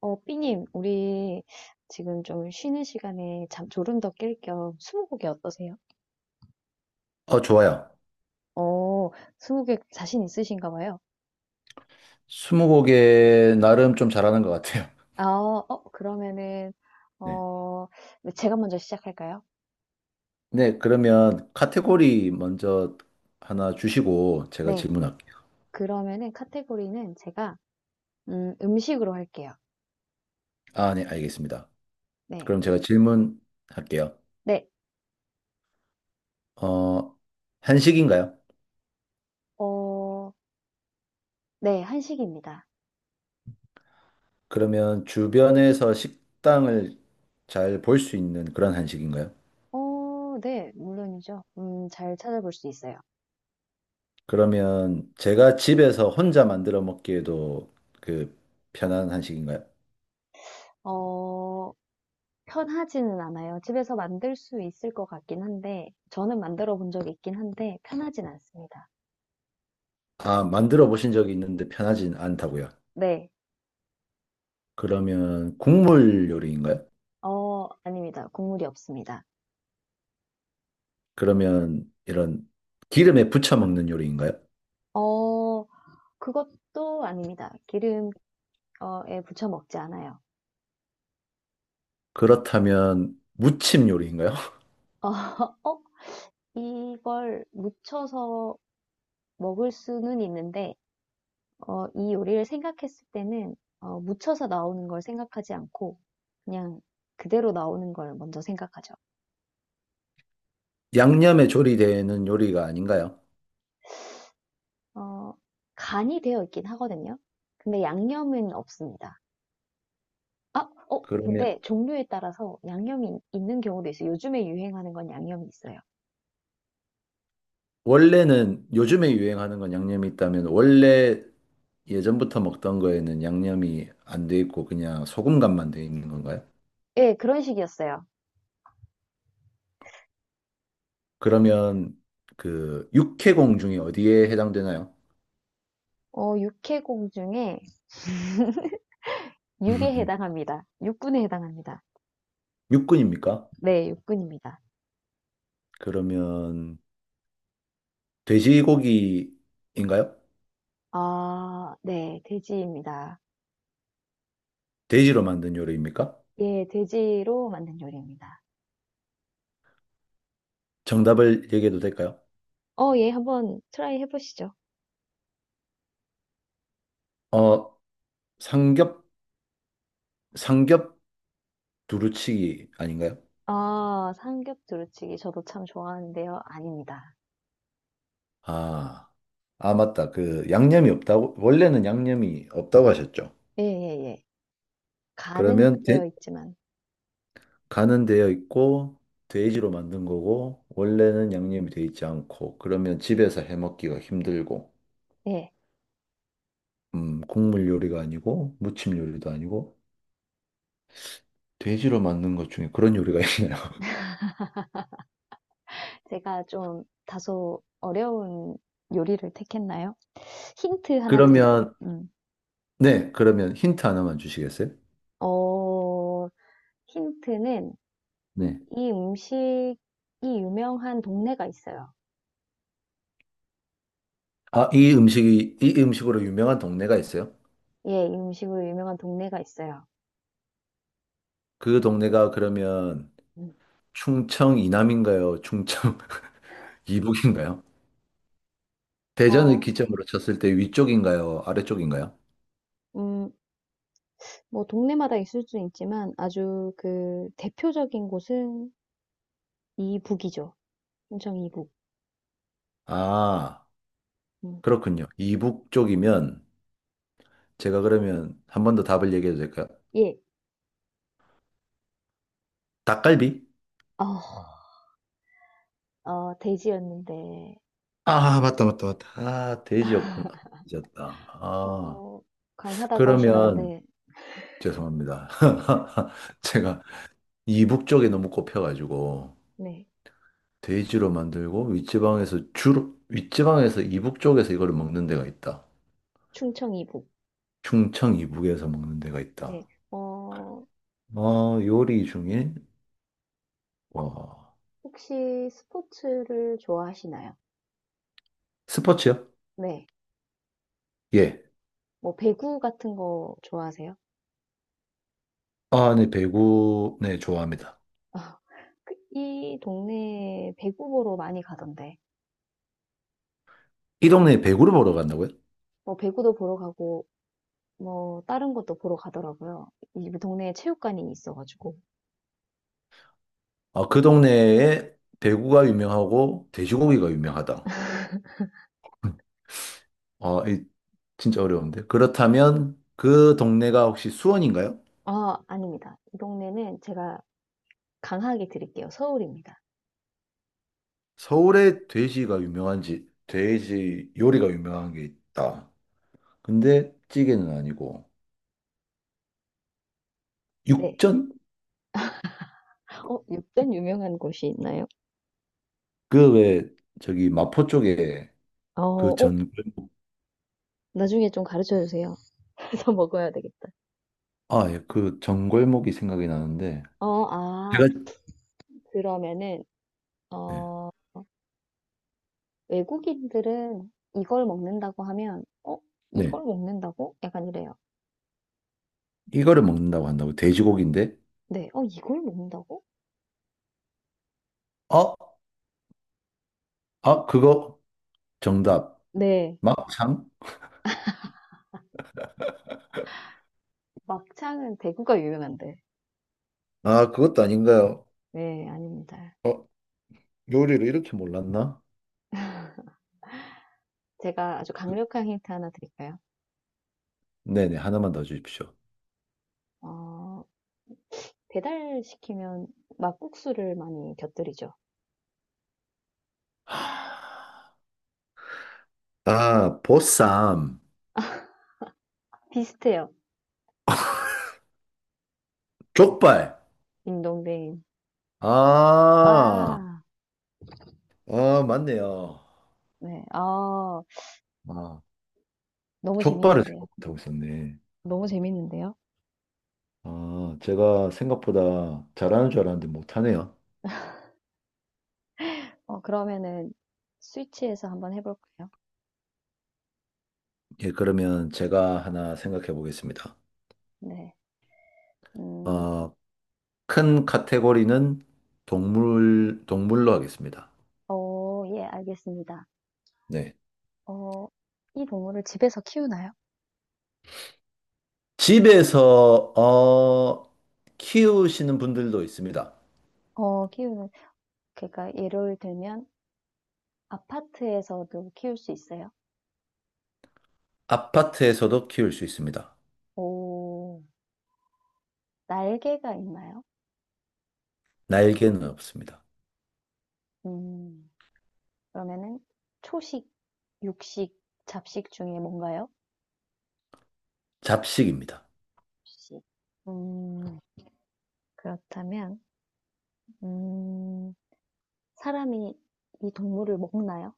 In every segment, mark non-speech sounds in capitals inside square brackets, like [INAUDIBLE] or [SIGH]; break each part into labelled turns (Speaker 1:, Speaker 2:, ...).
Speaker 1: 삐님, 우리 지금 좀 쉬는 시간에 잠 졸음 더 깰 겸 스무고개 어떠세요?
Speaker 2: 좋아요.
Speaker 1: 어, 스무고개 자신 있으신가 봐요.
Speaker 2: 스무고개 나름 좀 잘하는 것 같아요.
Speaker 1: 아, 그러면은,
Speaker 2: [LAUGHS] 네.
Speaker 1: 어, 네, 제가 먼저 시작할까요?
Speaker 2: 네, 그러면 카테고리 먼저 하나 주시고 제가
Speaker 1: 네.
Speaker 2: 질문할게요.
Speaker 1: 그러면은 카테고리는 제가, 음식으로 할게요.
Speaker 2: 아, 네, 알겠습니다.
Speaker 1: 네.
Speaker 2: 그럼 제가 질문할게요.
Speaker 1: 네.
Speaker 2: 어, 한식인가요?
Speaker 1: 어, 네. 한식입니다.
Speaker 2: 그러면 주변에서 식당을 잘 볼 수 있는 그런 한식인가요?
Speaker 1: 네. 물론이죠. 잘 찾아볼 수 있어요.
Speaker 2: 그러면 제가 집에서 혼자 만들어 먹기에도 그 편한 한식인가요?
Speaker 1: 어, 편하지는 않아요. 집에서 만들 수 있을 것 같긴 한데 저는 만들어 본 적이 있긴 한데 편하진 않습니다.
Speaker 2: 아, 만들어 보신 적이 있는데 편하진 않다고요.
Speaker 1: 네.
Speaker 2: 그러면 국물 요리인가요?
Speaker 1: 아닙니다. 국물이 없습니다.
Speaker 2: 그러면 이런 기름에 부쳐 먹는 요리인가요?
Speaker 1: 어, 그것도 아닙니다. 기름, 에 부쳐 먹지 않아요.
Speaker 2: 그렇다면 무침 요리인가요? [LAUGHS]
Speaker 1: 어, [LAUGHS] 어? 이걸 무쳐서 먹을 수는 있는데 이 요리를 생각했을 때는 무쳐서 나오는 걸 생각하지 않고 그냥 그대로 나오는 걸 먼저 생각하죠.
Speaker 2: 양념에 조리되는 요리가 아닌가요?
Speaker 1: 어, 간이 되어 있긴 하거든요. 근데 양념은 없습니다. 아,
Speaker 2: 그러면
Speaker 1: 근데 종류에 따라서 있는 경우도 있어요. 요즘에 유행하는 건 양념이 있어요.
Speaker 2: 원래는 요즘에 유행하는 건 양념이 있다면 원래 예전부터 먹던 거에는 양념이 안 돼 있고 그냥 소금간만 돼 있는 건가요?
Speaker 1: 예, 그런 식이었어요.
Speaker 2: 그러면 그 육해공 중에 어디에 해당되나요?
Speaker 1: 어, 육해공 중에 [LAUGHS] 육에
Speaker 2: [LAUGHS]
Speaker 1: 해당합니다. 육군에 해당합니다.
Speaker 2: 육군입니까?
Speaker 1: 네, 육군입니다.
Speaker 2: 그러면 돼지고기인가요?
Speaker 1: 아, 네, 돼지입니다.
Speaker 2: 돼지로 만든 요리입니까?
Speaker 1: 예, 돼지로 만든 요리입니다.
Speaker 2: 정답을 얘기해도 될까요?
Speaker 1: 예, 한번 트라이 해보시죠.
Speaker 2: 어, 삼겹, 삼겹 두루치기 아닌가요?
Speaker 1: 아, 삼겹 두루치기 저도 참 좋아하는데요. 아닙니다.
Speaker 2: 아, 아, 맞다. 그, 양념이 없다고, 원래는 양념이 없다고 하셨죠.
Speaker 1: 예, 예, 예. 간은
Speaker 2: 그러면 돼-
Speaker 1: 되어 있지만,
Speaker 2: 간은 되어 있고, 돼지로 만든 거고, 원래는 양념이 되어 있지 않고, 그러면 집에서 해 먹기가 힘들고,
Speaker 1: 네.
Speaker 2: 국물 요리가 아니고, 무침 요리도 아니고, 돼지로 만든 것 중에 그런 요리가 [LAUGHS] 있나요?
Speaker 1: 제가 좀 다소 어려운 요리를 택했나요? 힌트 하나 드릴,
Speaker 2: 그러면,
Speaker 1: 음.
Speaker 2: 네, 그러면 힌트 하나만 주시겠어요?
Speaker 1: 어, 힌트는
Speaker 2: 네.
Speaker 1: 이 음식이 유명한 동네가 있어요.
Speaker 2: 아, 이 음식이, 이 음식으로 유명한 동네가 있어요?
Speaker 1: 예, 이 음식으로 유명한 동네가 있어요.
Speaker 2: 그 동네가 그러면
Speaker 1: 음.
Speaker 2: 충청 이남인가요? 충청 [LAUGHS] 이북인가요? 대전을
Speaker 1: 어,
Speaker 2: 기점으로 쳤을 때 위쪽인가요? 아래쪽인가요?
Speaker 1: 음, 뭐 동네마다 있을 수는 있지만 아주 그 대표적인 곳은 이북이죠. 충청 이북.
Speaker 2: 아,
Speaker 1: 음.
Speaker 2: 그렇군요. 이북 쪽이면 제가 그러면 한 번 더 답을 얘기해도 될까요?
Speaker 1: 예.
Speaker 2: 닭갈비?
Speaker 1: 어, 어, 돼지였는데
Speaker 2: 아, 맞다, 맞다, 맞다. 아, 돼지였구나. 잊었다. 아,
Speaker 1: 어, 강하다고
Speaker 2: 그러면
Speaker 1: 하셨는데,
Speaker 2: 죄송합니다. [LAUGHS] 제가 이북 쪽에 너무 꼽혀가지고.
Speaker 1: 네,
Speaker 2: 돼지로 만들고 윗지방에서 주로 윗지방에서 이북 쪽에서 이거를 먹는 데가 있다.
Speaker 1: 충청 이북.
Speaker 2: 충청 이북에서 먹는 데가
Speaker 1: 네,
Speaker 2: 있다.
Speaker 1: 어,
Speaker 2: 요리 중에 와
Speaker 1: 혹시 스포츠를 좋아하시나요?
Speaker 2: 스포츠요?
Speaker 1: 네,
Speaker 2: 예.
Speaker 1: 뭐 배구 같은 거 좋아하세요?
Speaker 2: 아, 네, 배구 네, 좋아합니다.
Speaker 1: 아, 그이 동네에 배구 보러 많이 가던데,
Speaker 2: 이 동네에 배구를 보러 간다고요?
Speaker 1: 뭐 배구도 보러 가고, 뭐 다른 것도 보러 가더라고요. 이 동네에 체육관이 있어가지고.
Speaker 2: 아, 그 동네에 배구가 유명하고 돼지고기가 유명하다. 아, 이 진짜 어려운데. 그렇다면 그 동네가 혹시 수원인가요?
Speaker 1: 아, 아닙니다. 이 동네는 제가 강하게 드릴게요. 서울입니다.
Speaker 2: 서울에 돼지가 유명한지 돼지 요리가 유명한 게 있다. 근데 찌개는 아니고
Speaker 1: 네.
Speaker 2: 육전?
Speaker 1: 육전 유명한 곳이 있나요?
Speaker 2: 그 왜 저기 마포 쪽에
Speaker 1: 어,
Speaker 2: 그
Speaker 1: 어,
Speaker 2: 전,
Speaker 1: 나중에 좀 가르쳐 주세요. 더 먹어야 되겠다.
Speaker 2: 아, 예, 그 전골목이 생각이 나는데
Speaker 1: 어, 아,
Speaker 2: 제가
Speaker 1: 그러면은,
Speaker 2: 네,
Speaker 1: 어, 외국인들은 이걸 먹는다고 하면,
Speaker 2: 네.
Speaker 1: 이걸 먹는다고? 약간 이래요.
Speaker 2: 이거를 먹는다고 한다고 돼지고기인데
Speaker 1: 네, 이걸 먹는다고?
Speaker 2: 어? 아, 그거 정답
Speaker 1: 네,
Speaker 2: 막창?
Speaker 1: 막창은 대구가 유명한데.
Speaker 2: 아, 그것도 아닌가요?
Speaker 1: 네, 아닙니다.
Speaker 2: 어, 요리를 이렇게 몰랐나?
Speaker 1: 제가 아주 강력한 힌트 하나 드릴까요?
Speaker 2: 네네, 하나만 더 주십시오.
Speaker 1: 어, 배달시키면 막국수를 많이 곁들이죠.
Speaker 2: 하, 아, 보쌈,
Speaker 1: 비슷해요.
Speaker 2: 족발.
Speaker 1: 딩동댕.
Speaker 2: 아,
Speaker 1: 와,
Speaker 2: 아, 맞네요.
Speaker 1: 네, 아
Speaker 2: 아,
Speaker 1: 너무
Speaker 2: 족발을
Speaker 1: 재밌는데요.
Speaker 2: 생각 못하고 있었네.
Speaker 1: 너무 재밌는데요?
Speaker 2: 아, 제가 생각보다 잘하는 줄 알았는데 못하네요.
Speaker 1: 그러면은 스위치에서 한번 해볼까요?
Speaker 2: 예, 그러면 제가 하나 생각해 보겠습니다.
Speaker 1: 네. 음,
Speaker 2: 어, 큰 카테고리는 동물, 동물로 하겠습니다.
Speaker 1: 어, 예, 알겠습니다.
Speaker 2: 네.
Speaker 1: 어, 이 동물을 집에서 키우나요?
Speaker 2: 집에서 키우시는 분들도 있습니다.
Speaker 1: 키우는, 그러니까 예를 들면 아파트에서도 키울 수 있어요.
Speaker 2: 아파트에서도 키울 수 있습니다.
Speaker 1: 오, 날개가 있나요?
Speaker 2: 날개는 없습니다.
Speaker 1: 음, 그러면은 초식, 육식, 잡식 중에 뭔가요? 혹
Speaker 2: 잡식입니다.
Speaker 1: 식 음, 그렇다면, 음, 사람이 이 동물을 먹나요?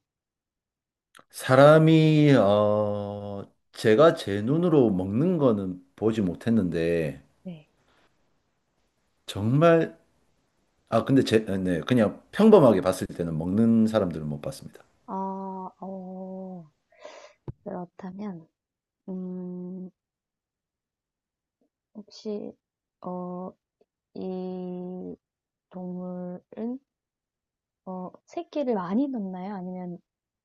Speaker 2: 사람이, 제가 제 눈으로 먹는 거는 보지 못했는데,
Speaker 1: 네.
Speaker 2: 정말 아, 근데 제, 아, 네, 그냥 평범하게 봤을 때는 먹는 사람들은 못 봤습니다.
Speaker 1: 아, 어, 그렇다면, 음, 혹시, 어, 이 동물은, 새끼를 많이 낳나요? 아니면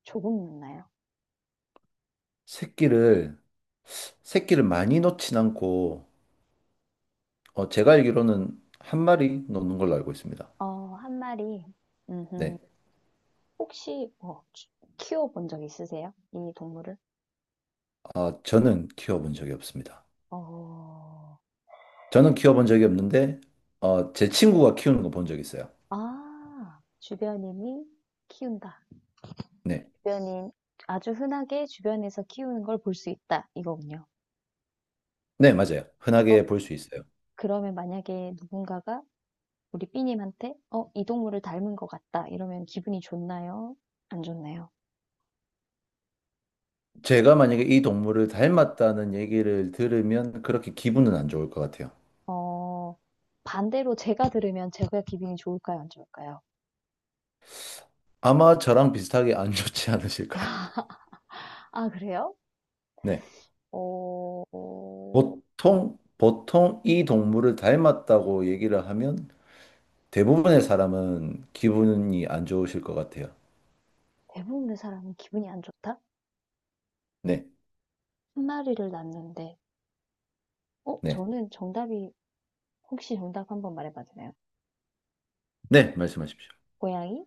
Speaker 1: 조금 낳나요?
Speaker 2: 새끼를, 새끼를 많이 놓진 않고, 제가 알기로는 한 마리 놓는 걸로 알고 있습니다.
Speaker 1: 어, 한 마리. 음,
Speaker 2: 네.
Speaker 1: 혹시, 키워본 적 있으세요? 이 동물을?
Speaker 2: 아, 저는 키워본 적이 없습니다.
Speaker 1: 어,
Speaker 2: 저는 키워본 적이 없는데, 제 친구가 키우는 거 본 적 있어요.
Speaker 1: 아, 주변인이 키운다.
Speaker 2: 네.
Speaker 1: 주변인, 아주 흔하게 주변에서 키우는 걸 볼 수 있다. 이거군요.
Speaker 2: 네, 맞아요.
Speaker 1: 어,
Speaker 2: 흔하게 볼 수 있어요.
Speaker 1: 그러면 만약에 누군가가 우리 삐님한테 이 동물을 닮은 것 같다 이러면 기분이 좋나요? 안 좋나요?
Speaker 2: 제가 만약에 이 동물을 닮았다는 얘기를 들으면 그렇게 기분은 안 좋을 것 같아요.
Speaker 1: 어, 반대로 제가 들으면 제가 기분이 좋을까요? 안 좋을까요?
Speaker 2: 아마 저랑 비슷하게 안 좋지 않으실까요?
Speaker 1: 아, 그래요?
Speaker 2: 네.
Speaker 1: 어, 어,
Speaker 2: 보통, 보통 이 동물을 닮았다고 얘기를 하면 대부분의 사람은 기분이 안 좋으실 것 같아요.
Speaker 1: 대부분의 사람은 기분이 안 좋다?
Speaker 2: 네,
Speaker 1: 한 마리를 낳는데,
Speaker 2: 네,
Speaker 1: 저는 정답이, 혹시 정답 한번 말해봐도 되나요?
Speaker 2: 네, 말씀하십시오.
Speaker 1: 고양이?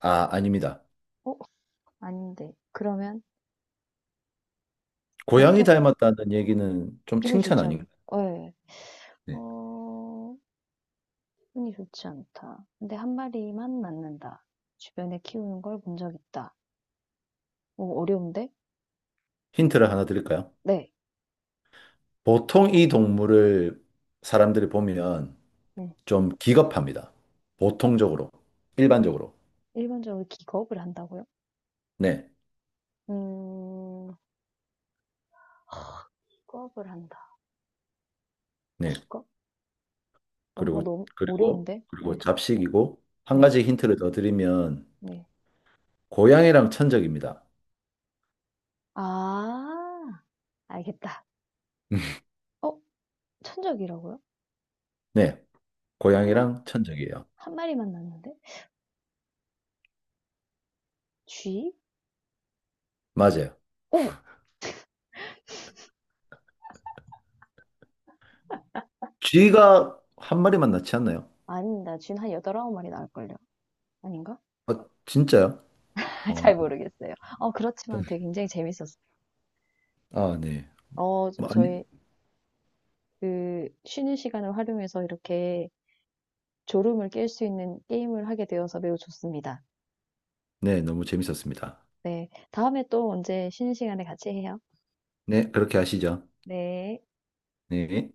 Speaker 2: 아, 아닙니다.
Speaker 1: 어, 아닌데. 그러면
Speaker 2: 고양이
Speaker 1: 보통
Speaker 2: 닮았다는 얘기는 좀
Speaker 1: 기분이
Speaker 2: 칭찬
Speaker 1: 좋잖아요.
Speaker 2: 아닌가요?
Speaker 1: 네.
Speaker 2: 네.
Speaker 1: 어, 흔히 좋지 않다. 근데 한 마리만 낳는다. 주변에 키우는 걸 본 적 있다. 오, 어려운데?
Speaker 2: 힌트를 하나 드릴까요?
Speaker 1: 네.
Speaker 2: 보통 이 동물을 사람들이 보면
Speaker 1: 네.
Speaker 2: 좀 기겁합니다. 보통적으로, 일반적으로.
Speaker 1: 일반적으로 기겁을 한다고요?
Speaker 2: 네,
Speaker 1: 음, 기겁을 한다.
Speaker 2: 네.
Speaker 1: 기겁? 이거
Speaker 2: 그리고,
Speaker 1: 너무 어려운데?
Speaker 2: 그리고
Speaker 1: 네.
Speaker 2: 잡식이고, 한
Speaker 1: 네.
Speaker 2: 가지 힌트를 더 드리면,
Speaker 1: 네.
Speaker 2: 고양이랑 천적입니다.
Speaker 1: 아, 알겠다. 어, 천적이라고요?
Speaker 2: 네,
Speaker 1: 한 마,
Speaker 2: 고양이랑 천적이에요.
Speaker 1: 한 마리만 낳는데? 쥐?
Speaker 2: 맞아요.
Speaker 1: 어머!
Speaker 2: 쥐가 한 마리만 낳지 않나요?
Speaker 1: 아니다. 쥐는 한 여덟, 아홉 마리 낳을걸요? 아닌가?
Speaker 2: 아, 진짜요?
Speaker 1: [LAUGHS]
Speaker 2: 어,
Speaker 1: 잘 모르겠어요. 그렇지만 되게 굉장히 재밌었어요.
Speaker 2: 아, 네. 뭐, 아니,
Speaker 1: 저희 그 쉬는 시간을 활용해서 이렇게 졸음을 깰 수 있는 게임을 하게 되어서 매우 좋습니다.
Speaker 2: 네, 너무 재밌었습니다.
Speaker 1: 네. 다음에 또 언제 쉬는 시간에 같이 해요.
Speaker 2: 네, 그렇게 하시죠.
Speaker 1: 네.
Speaker 2: 네.